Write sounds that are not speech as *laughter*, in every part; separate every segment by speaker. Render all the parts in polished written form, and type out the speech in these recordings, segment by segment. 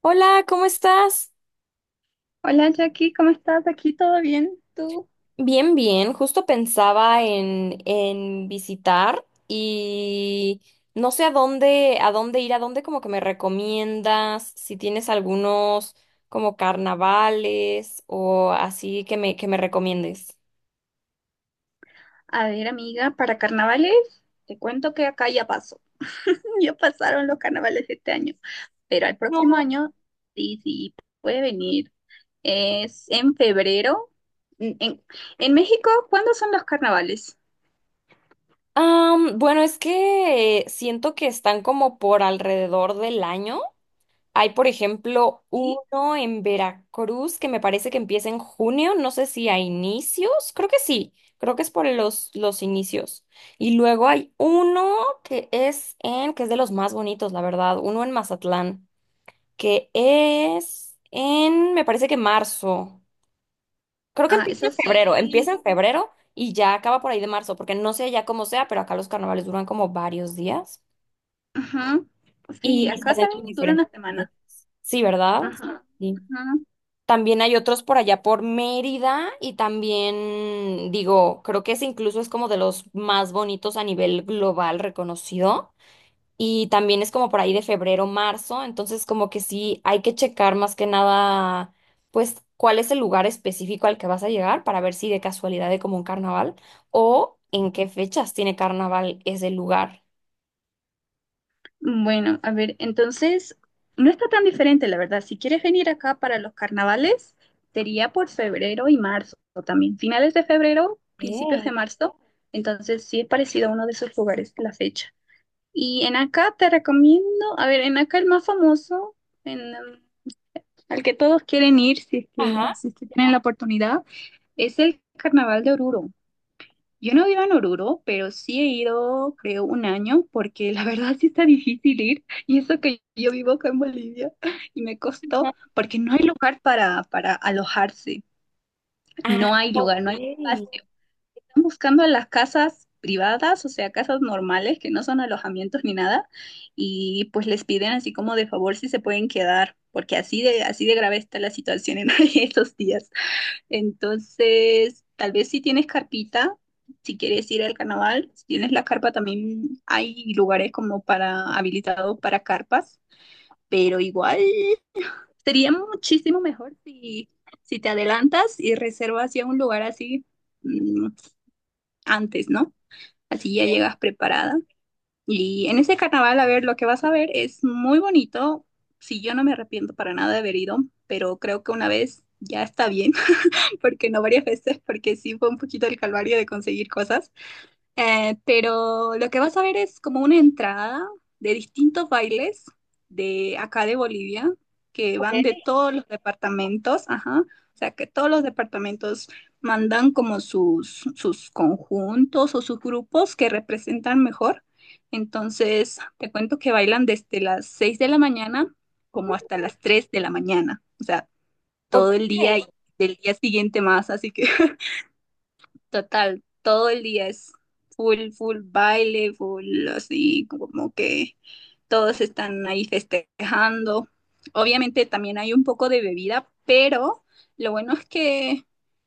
Speaker 1: Hola, ¿cómo estás?
Speaker 2: Hola Jackie, ¿cómo estás? ¿Aquí todo bien? ¿Tú?
Speaker 1: Bien, bien. Justo pensaba en visitar y no sé a dónde ir, a dónde como que me recomiendas, si tienes algunos como carnavales o así que me recomiendes.
Speaker 2: A ver, amiga, para carnavales, te cuento que acá ya pasó. *laughs* Ya pasaron los carnavales de este año, pero al próximo
Speaker 1: No.
Speaker 2: año sí, sí, puede venir. Es en febrero. En, en- en México, ¿cuándo son los carnavales?
Speaker 1: Bueno, es que siento que están como por alrededor del año. Hay, por ejemplo,
Speaker 2: Sí.
Speaker 1: uno en Veracruz que me parece que empieza en junio, no sé si a inicios, creo que sí, creo que es por los inicios. Y luego hay uno que es de los más bonitos, la verdad, uno en Mazatlán, que es en, me parece que marzo. Creo que
Speaker 2: Ah, eso sí.
Speaker 1: empieza en febrero y ya acaba por ahí de marzo, porque no sé ya cómo sea, pero acá los carnavales duran como varios días
Speaker 2: Ujú. Sí,
Speaker 1: y se
Speaker 2: acá
Speaker 1: hacen como
Speaker 2: también dura
Speaker 1: diferentes
Speaker 2: una
Speaker 1: actividades.
Speaker 2: semana.
Speaker 1: Sí, ¿verdad?
Speaker 2: Ajá,
Speaker 1: Sí.
Speaker 2: ajá.
Speaker 1: También hay otros por allá por Mérida y también, digo, creo que ese incluso es como de los más bonitos a nivel global reconocido. Y también es como por ahí de febrero, marzo, entonces como que sí hay que checar más que nada, pues, cuál es el lugar específico al que vas a llegar para ver si de casualidad hay como un carnaval o en qué fechas tiene carnaval ese lugar.
Speaker 2: Bueno, a ver, entonces no está tan diferente, la verdad. Si quieres venir acá para los carnavales, sería por febrero y marzo también. Finales de febrero, principios
Speaker 1: Eh,
Speaker 2: de marzo. Entonces sí es parecido a uno de esos lugares la fecha. Y en acá te recomiendo, a ver, en acá el más famoso, en, al que todos quieren ir si es que,
Speaker 1: Ajá,
Speaker 2: si es que tienen la oportunidad, es el Carnaval de Oruro. Yo no vivo en Oruro, pero sí he ido, creo, un año, porque la *laughs* verdad sí está difícil ir. Y eso que yo vivo acá en Bolivia *laughs* y me costó,
Speaker 1: ajá.
Speaker 2: porque no hay lugar para alojarse.
Speaker 1: Ah,
Speaker 2: No hay lugar,
Speaker 1: ok.
Speaker 2: no hay espacio. Están buscando las casas privadas, o sea, casas normales que no son alojamientos ni nada. Y pues les piden así como de favor si se pueden quedar, porque así de grave está la situación en *laughs* esos días. Entonces, tal vez si tienes carpita, si quieres ir al carnaval, si tienes la carpa también hay lugares como para habilitados para carpas, pero igual sería muchísimo mejor si te adelantas y reservas ya un lugar así mm, antes, ¿no? Así ya llegas preparada. Y en ese carnaval, a ver, lo que vas a ver es muy bonito. Si yo no me arrepiento para nada de haber ido, pero creo que una vez ya está bien porque no varias veces, porque sí fue un poquito el calvario de conseguir cosas. Pero lo que vas a ver es como una entrada de distintos bailes de acá de Bolivia, que
Speaker 1: Ok.
Speaker 2: van de todos los departamentos, ajá. O sea, que todos los departamentos mandan como sus conjuntos o sus grupos que representan mejor. Entonces, te cuento que bailan desde las 6 de la mañana como hasta las 3 de la mañana. O sea,
Speaker 1: Ok.
Speaker 2: todo el día y del día siguiente más, así que *laughs* total, todo el día es full, full baile, full así, como que todos están ahí festejando. Obviamente también hay un poco de bebida, pero lo bueno es que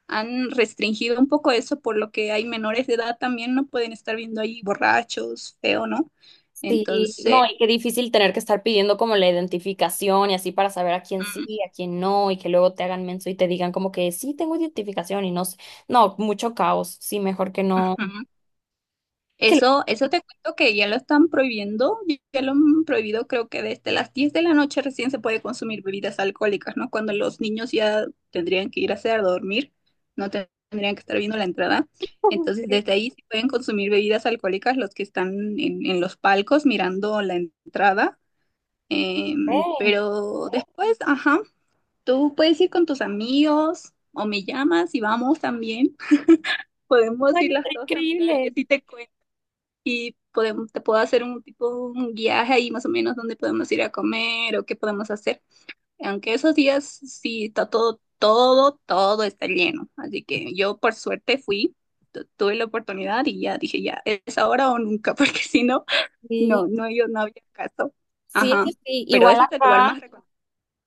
Speaker 2: han restringido un poco eso, por lo que hay menores de edad también no pueden estar viendo ahí borrachos, feo, ¿no?
Speaker 1: Sí,
Speaker 2: Entonces,
Speaker 1: no, y qué difícil tener que estar pidiendo como la identificación y así para saber a quién sí,
Speaker 2: mm,
Speaker 1: a quién no, y que luego te hagan menso y te digan como que sí tengo identificación y no sé. No, mucho caos. Sí, mejor que no.
Speaker 2: ujú.
Speaker 1: Que lo-
Speaker 2: Eso te cuento que ya lo están prohibiendo, ya lo han prohibido creo que desde las 10 de la noche recién se puede consumir bebidas alcohólicas, ¿no? Cuando los niños ya tendrían que ir a hacer a dormir, no te- tendrían que estar viendo la entrada. Entonces
Speaker 1: *laughs*
Speaker 2: desde ahí sí pueden consumir bebidas alcohólicas los que están en los palcos mirando la entrada,
Speaker 1: Ey,
Speaker 2: pero después, ajá, tú puedes ir con tus amigos o me llamas y vamos también. *laughs*
Speaker 1: no,
Speaker 2: Podemos ir
Speaker 1: está
Speaker 2: las dos a mirar y
Speaker 1: increíble.
Speaker 2: así te cuento y podemos, te puedo hacer un tipo un guiaje ahí más o menos donde podemos ir a comer o qué podemos hacer. Aunque esos días sí está todo, todo, todo está lleno. Así que yo por suerte fui, tuve la oportunidad y ya dije ya, es ahora o nunca, *laughs* porque si no,
Speaker 1: Sí,
Speaker 2: no, no, yo no había caso.
Speaker 1: sí, sí,
Speaker 2: Ajá.
Speaker 1: sí.
Speaker 2: Pero
Speaker 1: Igual
Speaker 2: ese es el lugar
Speaker 1: acá.
Speaker 2: más recomendado.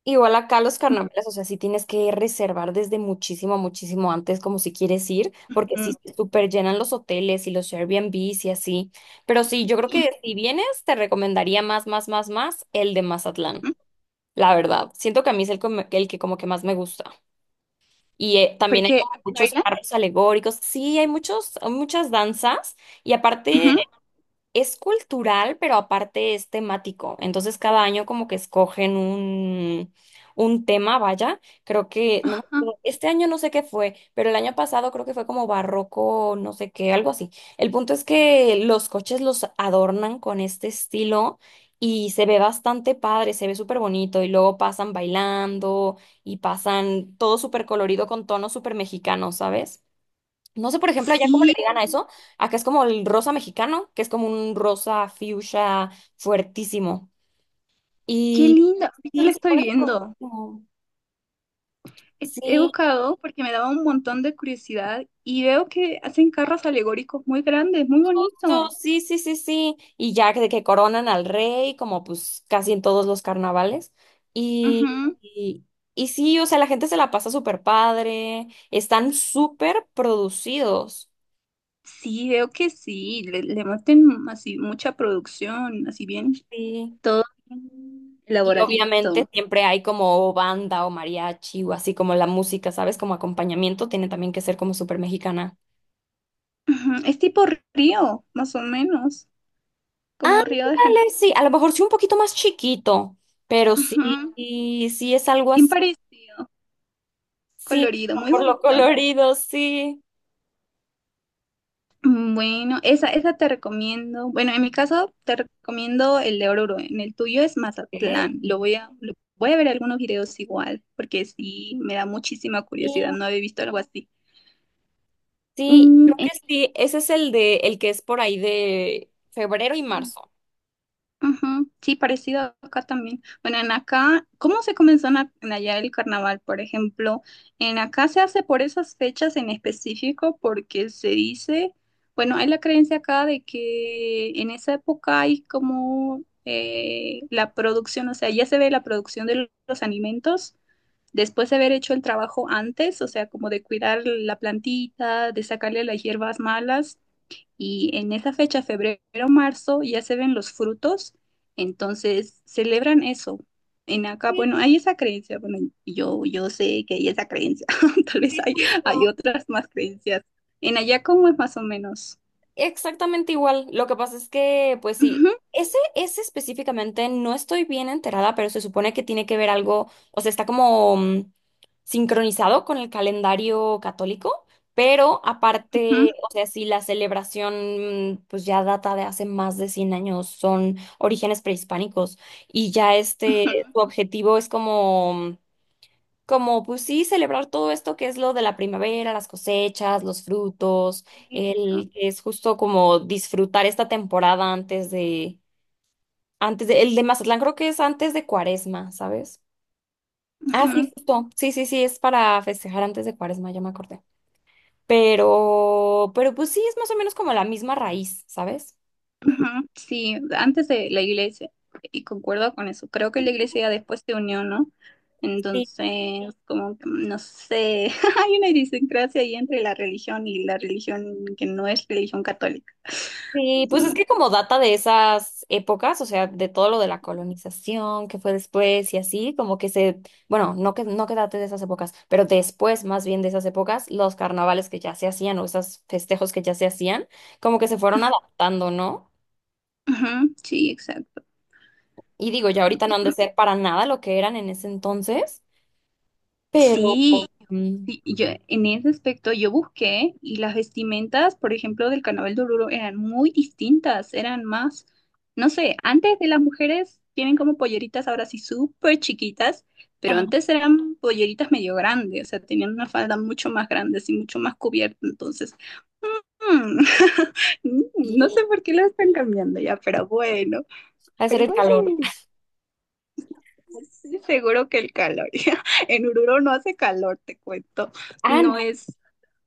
Speaker 1: Igual acá los carnavales, o sea, sí tienes que reservar desde muchísimo, muchísimo antes, como si quieres ir, porque sí
Speaker 2: Ujú.
Speaker 1: se super llenan los hoteles y los Airbnbs y así. Pero sí, yo creo
Speaker 2: Y-
Speaker 1: que si vienes, te recomendaría más el de Mazatlán,
Speaker 2: Ujú.
Speaker 1: la verdad. Siento que a mí es el que como que más me gusta. Y también hay
Speaker 2: Porque
Speaker 1: como
Speaker 2: aquí
Speaker 1: muchos
Speaker 2: bailan.
Speaker 1: carros alegóricos. Sí, hay muchos, muchas danzas. Y aparte.
Speaker 2: Ujú.
Speaker 1: Es cultural, pero aparte es temático. Entonces cada año como que escogen un tema, vaya. Creo que, no me
Speaker 2: Ajá.
Speaker 1: acuerdo, este año no sé qué fue, pero el año pasado creo que fue como barroco, no sé qué, algo así. El punto es que los coches los adornan con este estilo y se ve bastante padre, se ve súper bonito y luego pasan bailando y pasan todo súper colorido con tonos súper mexicanos, ¿sabes? No sé, por ejemplo, allá cómo le
Speaker 2: Sí,
Speaker 1: digan a eso. Acá es como el rosa mexicano, que es como un rosa fuchsia fuertísimo.
Speaker 2: qué
Speaker 1: Y
Speaker 2: lindo. Ahorita
Speaker 1: sí,
Speaker 2: lo
Speaker 1: se
Speaker 2: estoy
Speaker 1: pone súper
Speaker 2: viendo.
Speaker 1: buenísimo.
Speaker 2: He
Speaker 1: Sí,
Speaker 2: buscado porque me daba un montón de curiosidad y veo que hacen carros alegóricos muy grandes, muy
Speaker 1: justo,
Speaker 2: bonitos.
Speaker 1: sí, sí, sí, sí. De que coronan al rey, como pues casi en todos los carnavales. Y,
Speaker 2: Ujú.
Speaker 1: y, y sí, o sea, la gente se la pasa súper padre. Están súper producidos.
Speaker 2: Sí, veo que sí, le meten así mucha producción, así bien,
Speaker 1: Sí.
Speaker 2: todo bien
Speaker 1: Y
Speaker 2: elaboradito.
Speaker 1: obviamente siempre hay como banda o mariachi o así como la música, ¿sabes? Como acompañamiento tiene también que ser como súper mexicana.
Speaker 2: Ujú. Es tipo río, más o menos, como Río de
Speaker 1: Ándale,
Speaker 2: Janeiro.
Speaker 1: sí, a lo mejor sí un poquito más chiquito, pero sí,
Speaker 2: Ujú.
Speaker 1: sí, sí es algo
Speaker 2: Bien
Speaker 1: así,
Speaker 2: parecido,
Speaker 1: sí,
Speaker 2: colorido, muy
Speaker 1: por lo
Speaker 2: bonito.
Speaker 1: colorido, sí.
Speaker 2: Bueno, esa te recomiendo. Bueno, en mi caso te recomiendo el de Oruro. En el tuyo es Mazatlán.
Speaker 1: Ok.
Speaker 2: Lo voy a, voy a ver algunos videos igual, porque sí me da muchísima
Speaker 1: Sí,
Speaker 2: curiosidad. No había visto algo así.
Speaker 1: sí,
Speaker 2: Mm,
Speaker 1: creo que sí, ese es el de, el que es por ahí de febrero y
Speaker 2: en-
Speaker 1: marzo.
Speaker 2: Ujú. Sí, parecido acá también. Bueno, en acá, ¿cómo se comenzó en, en allá el carnaval, por ejemplo? En acá se hace por esas fechas en específico porque se dice, bueno, hay la creencia acá de que en esa época hay como la producción, o sea, ya se ve la producción de los alimentos después de haber hecho el trabajo antes, o sea, como de cuidar la plantita, de sacarle las hierbas malas y en esa fecha, febrero, marzo, ya se ven los frutos, entonces celebran eso. En acá,
Speaker 1: Sí,
Speaker 2: bueno, hay esa creencia, bueno, yo sé que hay esa creencia, *laughs* tal vez
Speaker 1: sí,
Speaker 2: hay, hay otras más creencias. En allá, ¿cómo es más o menos?
Speaker 1: exactamente igual. Lo que pasa es que, pues sí,
Speaker 2: Ujú,
Speaker 1: ese específicamente no estoy bien enterada, pero se supone que tiene que ver algo, o sea, está como sincronizado con el calendario católico, pero
Speaker 2: ujú,
Speaker 1: aparte, o sea, si la celebración, pues ya data de hace más de 100 años, son orígenes prehispánicos y ya
Speaker 2: ujú.
Speaker 1: este, su objetivo es como como pues sí, celebrar todo esto que es lo de la primavera, las cosechas, los frutos,
Speaker 2: Exacto.
Speaker 1: el es justo como disfrutar esta temporada el de Mazatlán creo que es antes de Cuaresma, ¿sabes? Ah, sí,
Speaker 2: Ujú.
Speaker 1: justo, sí, sí, sí, es para festejar antes de Cuaresma, ya me acordé. Pero pues sí, es más o menos como la misma raíz, ¿sabes?
Speaker 2: Ujú. Sí, antes de la iglesia, y concuerdo con eso, creo que la iglesia después se unió, ¿no? Entonces, como que, no sé, *laughs* hay una idiosincrasia ahí entre la religión y la religión que no es religión católica.
Speaker 1: Sí, pues es
Speaker 2: Mm,
Speaker 1: que como data de esas épocas, o sea, de todo lo de la colonización que fue después y así, bueno, no que date de esas épocas, pero después más bien de esas épocas, los carnavales que ya se hacían o esos festejos que ya se hacían, como que se fueron adaptando, ¿no?
Speaker 2: ujú, sí, exacto.
Speaker 1: Y digo, ya ahorita no han de ser para nada lo que eran en ese entonces, pero
Speaker 2: Sí,
Speaker 1: mm,
Speaker 2: sí, y yo, en ese aspecto yo busqué y las vestimentas, por ejemplo, del carnaval de Oruro eran muy distintas, eran más, no sé, antes de las mujeres tienen como polleritas ahora sí súper chiquitas, pero
Speaker 1: ajá,
Speaker 2: antes eran polleritas medio grandes, o sea, tenían una falda mucho más grande y mucho más cubierta, entonces, mm, *laughs* mm, no
Speaker 1: sí,
Speaker 2: sé por qué lo están cambiando ya, pero bueno,
Speaker 1: ha de
Speaker 2: pero
Speaker 1: ser el
Speaker 2: igual se
Speaker 1: calor.
Speaker 2: ven lindas. Sí, seguro que el calor, *laughs* en Oruro no hace calor, te cuento,
Speaker 1: Ah,
Speaker 2: no
Speaker 1: no.
Speaker 2: es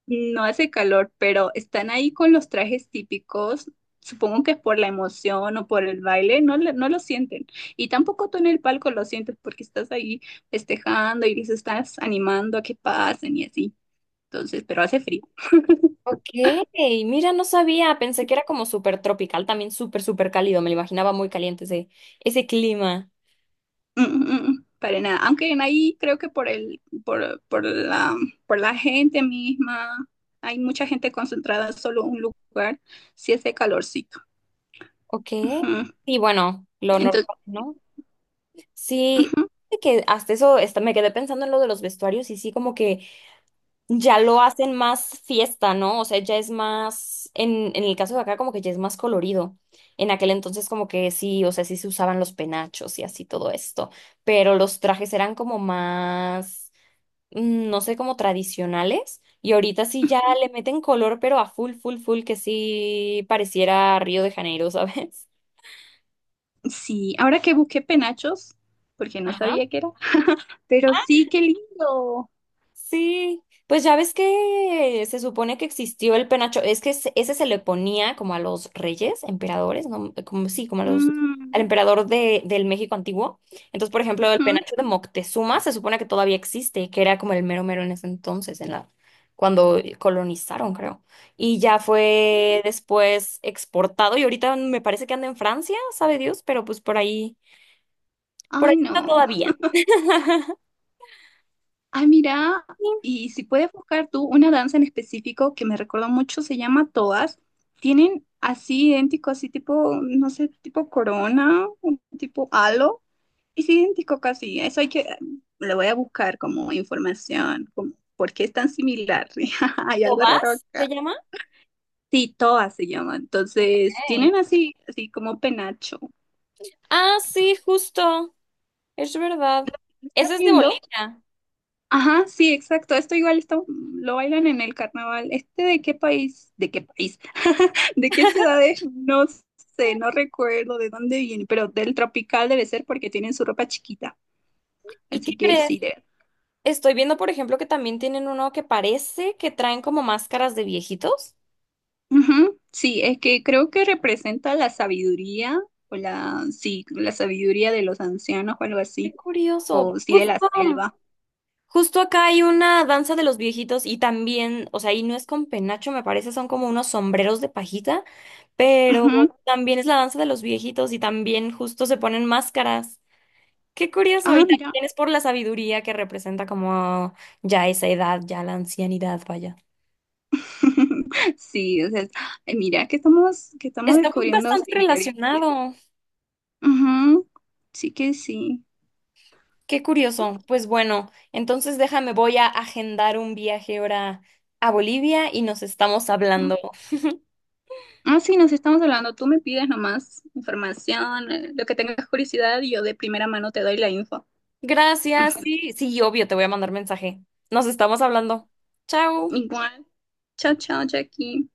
Speaker 2: no hace calor, pero están ahí con los trajes típicos. Supongo que es por la emoción o por el baile, no, no lo sienten. Y tampoco tú en el palco lo sientes porque estás ahí festejando y les estás animando a que pasen y así. Entonces, pero hace frío.
Speaker 1: Ok, mira, no sabía, pensé que era como súper tropical, también súper cálido, me lo imaginaba muy caliente ese clima.
Speaker 2: Mm, mm, mm, para nada. Aunque en ahí creo que por el, por la gente misma, hay mucha gente concentrada en solo un lugar, sí hace calorcito.
Speaker 1: Ok,
Speaker 2: Ujú.
Speaker 1: sí, bueno, lo
Speaker 2: Entonces,
Speaker 1: normal, ¿no? Sí,
Speaker 2: ujú.
Speaker 1: de que hasta eso hasta me quedé pensando en lo de los vestuarios y sí, como que ya lo hacen más fiesta, ¿no? O sea, ya es más, en el caso de acá, como que ya es más colorido. En aquel entonces como que sí, o sea, sí se usaban los penachos y así todo esto, pero los trajes eran como más no sé, como tradicionales. Y ahorita sí ya le meten color, pero a full, que sí pareciera Río de Janeiro, *laughs* ¿sabes?
Speaker 2: Sí, ahora que busqué penachos, porque no
Speaker 1: Ajá.
Speaker 2: sabía qué era, pero sí, qué lindo.
Speaker 1: Sí, pues ya ves que se supone que existió el penacho, ese se le ponía como a los reyes, emperadores, ¿no? Como sí, como a los
Speaker 2: Mm,
Speaker 1: al emperador del México antiguo. Entonces, por ejemplo, el
Speaker 2: ujú.
Speaker 1: penacho de Moctezuma se supone que todavía existe, que era como el mero mero en ese entonces, en la cuando colonizaron, creo. Y ya fue después exportado y ahorita me parece que anda en Francia, sabe Dios, pero pues por ahí
Speaker 2: Ay,
Speaker 1: está
Speaker 2: no.
Speaker 1: todavía.
Speaker 2: Ay, mira, y si puedes buscar tú una danza en específico que me recordó mucho, se llama Todas. Tienen así idéntico, así tipo, no sé, tipo corona, un tipo halo. Es idéntico casi. Eso hay que, le voy a buscar como información, como por qué es tan similar. *laughs* Hay algo raro
Speaker 1: ¿Tobás se
Speaker 2: acá.
Speaker 1: llama?
Speaker 2: Sí, Toa se llama.
Speaker 1: Ok.
Speaker 2: Entonces, tienen así, así como penacho.
Speaker 1: Ah, sí, justo. Es verdad.
Speaker 2: ¿Lo ¿Estás
Speaker 1: Ese es de
Speaker 2: viendo?
Speaker 1: bolita.
Speaker 2: Ajá, sí, exacto. Esto igual lo bailan en el carnaval. ¿Este de qué país? ¿De qué país? *laughs* ¿De qué ciudades? No sé, no recuerdo de dónde viene, pero del tropical debe ser porque tienen su ropa chiquita.
Speaker 1: ¿Y qué
Speaker 2: Así que
Speaker 1: crees?
Speaker 2: sí, de...
Speaker 1: Estoy viendo, por ejemplo, que también tienen uno que parece que traen como máscaras de viejitos.
Speaker 2: Ujú. Sí, es que creo que representa la sabiduría o la, sí, la sabiduría de los ancianos o algo
Speaker 1: Qué
Speaker 2: así,
Speaker 1: curioso.
Speaker 2: o sí de la
Speaker 1: Justo,
Speaker 2: selva.
Speaker 1: justo acá hay una danza de los viejitos y también, o sea, y no es con penacho, me parece, son como unos sombreros de pajita, pero
Speaker 2: Ujú.
Speaker 1: también es la danza de los viejitos y también justo se ponen máscaras. Qué curioso. Y
Speaker 2: Ah, mira.
Speaker 1: también es por la sabiduría que representa como ya esa edad, ya la ancianidad, vaya.
Speaker 2: *laughs* Sí, o sea, ay, mira que estamos
Speaker 1: Está
Speaker 2: descubriendo
Speaker 1: bastante
Speaker 2: similaritudes.
Speaker 1: relacionado.
Speaker 2: Ujú. Sí que sí.
Speaker 1: Qué curioso. Pues bueno, entonces déjame, voy a agendar un viaje ahora a Bolivia y nos estamos
Speaker 2: Ujú.
Speaker 1: hablando.
Speaker 2: Ah, sí, nos estamos hablando. Tú me pides nomás información, lo que tengas curiosidad, y yo de primera mano te doy la info.
Speaker 1: Gracias. Sí, sí, obvio, te voy a mandar mensaje. Nos estamos hablando.
Speaker 2: *laughs*
Speaker 1: Chao.
Speaker 2: Igual. Chao, chao, Jackie.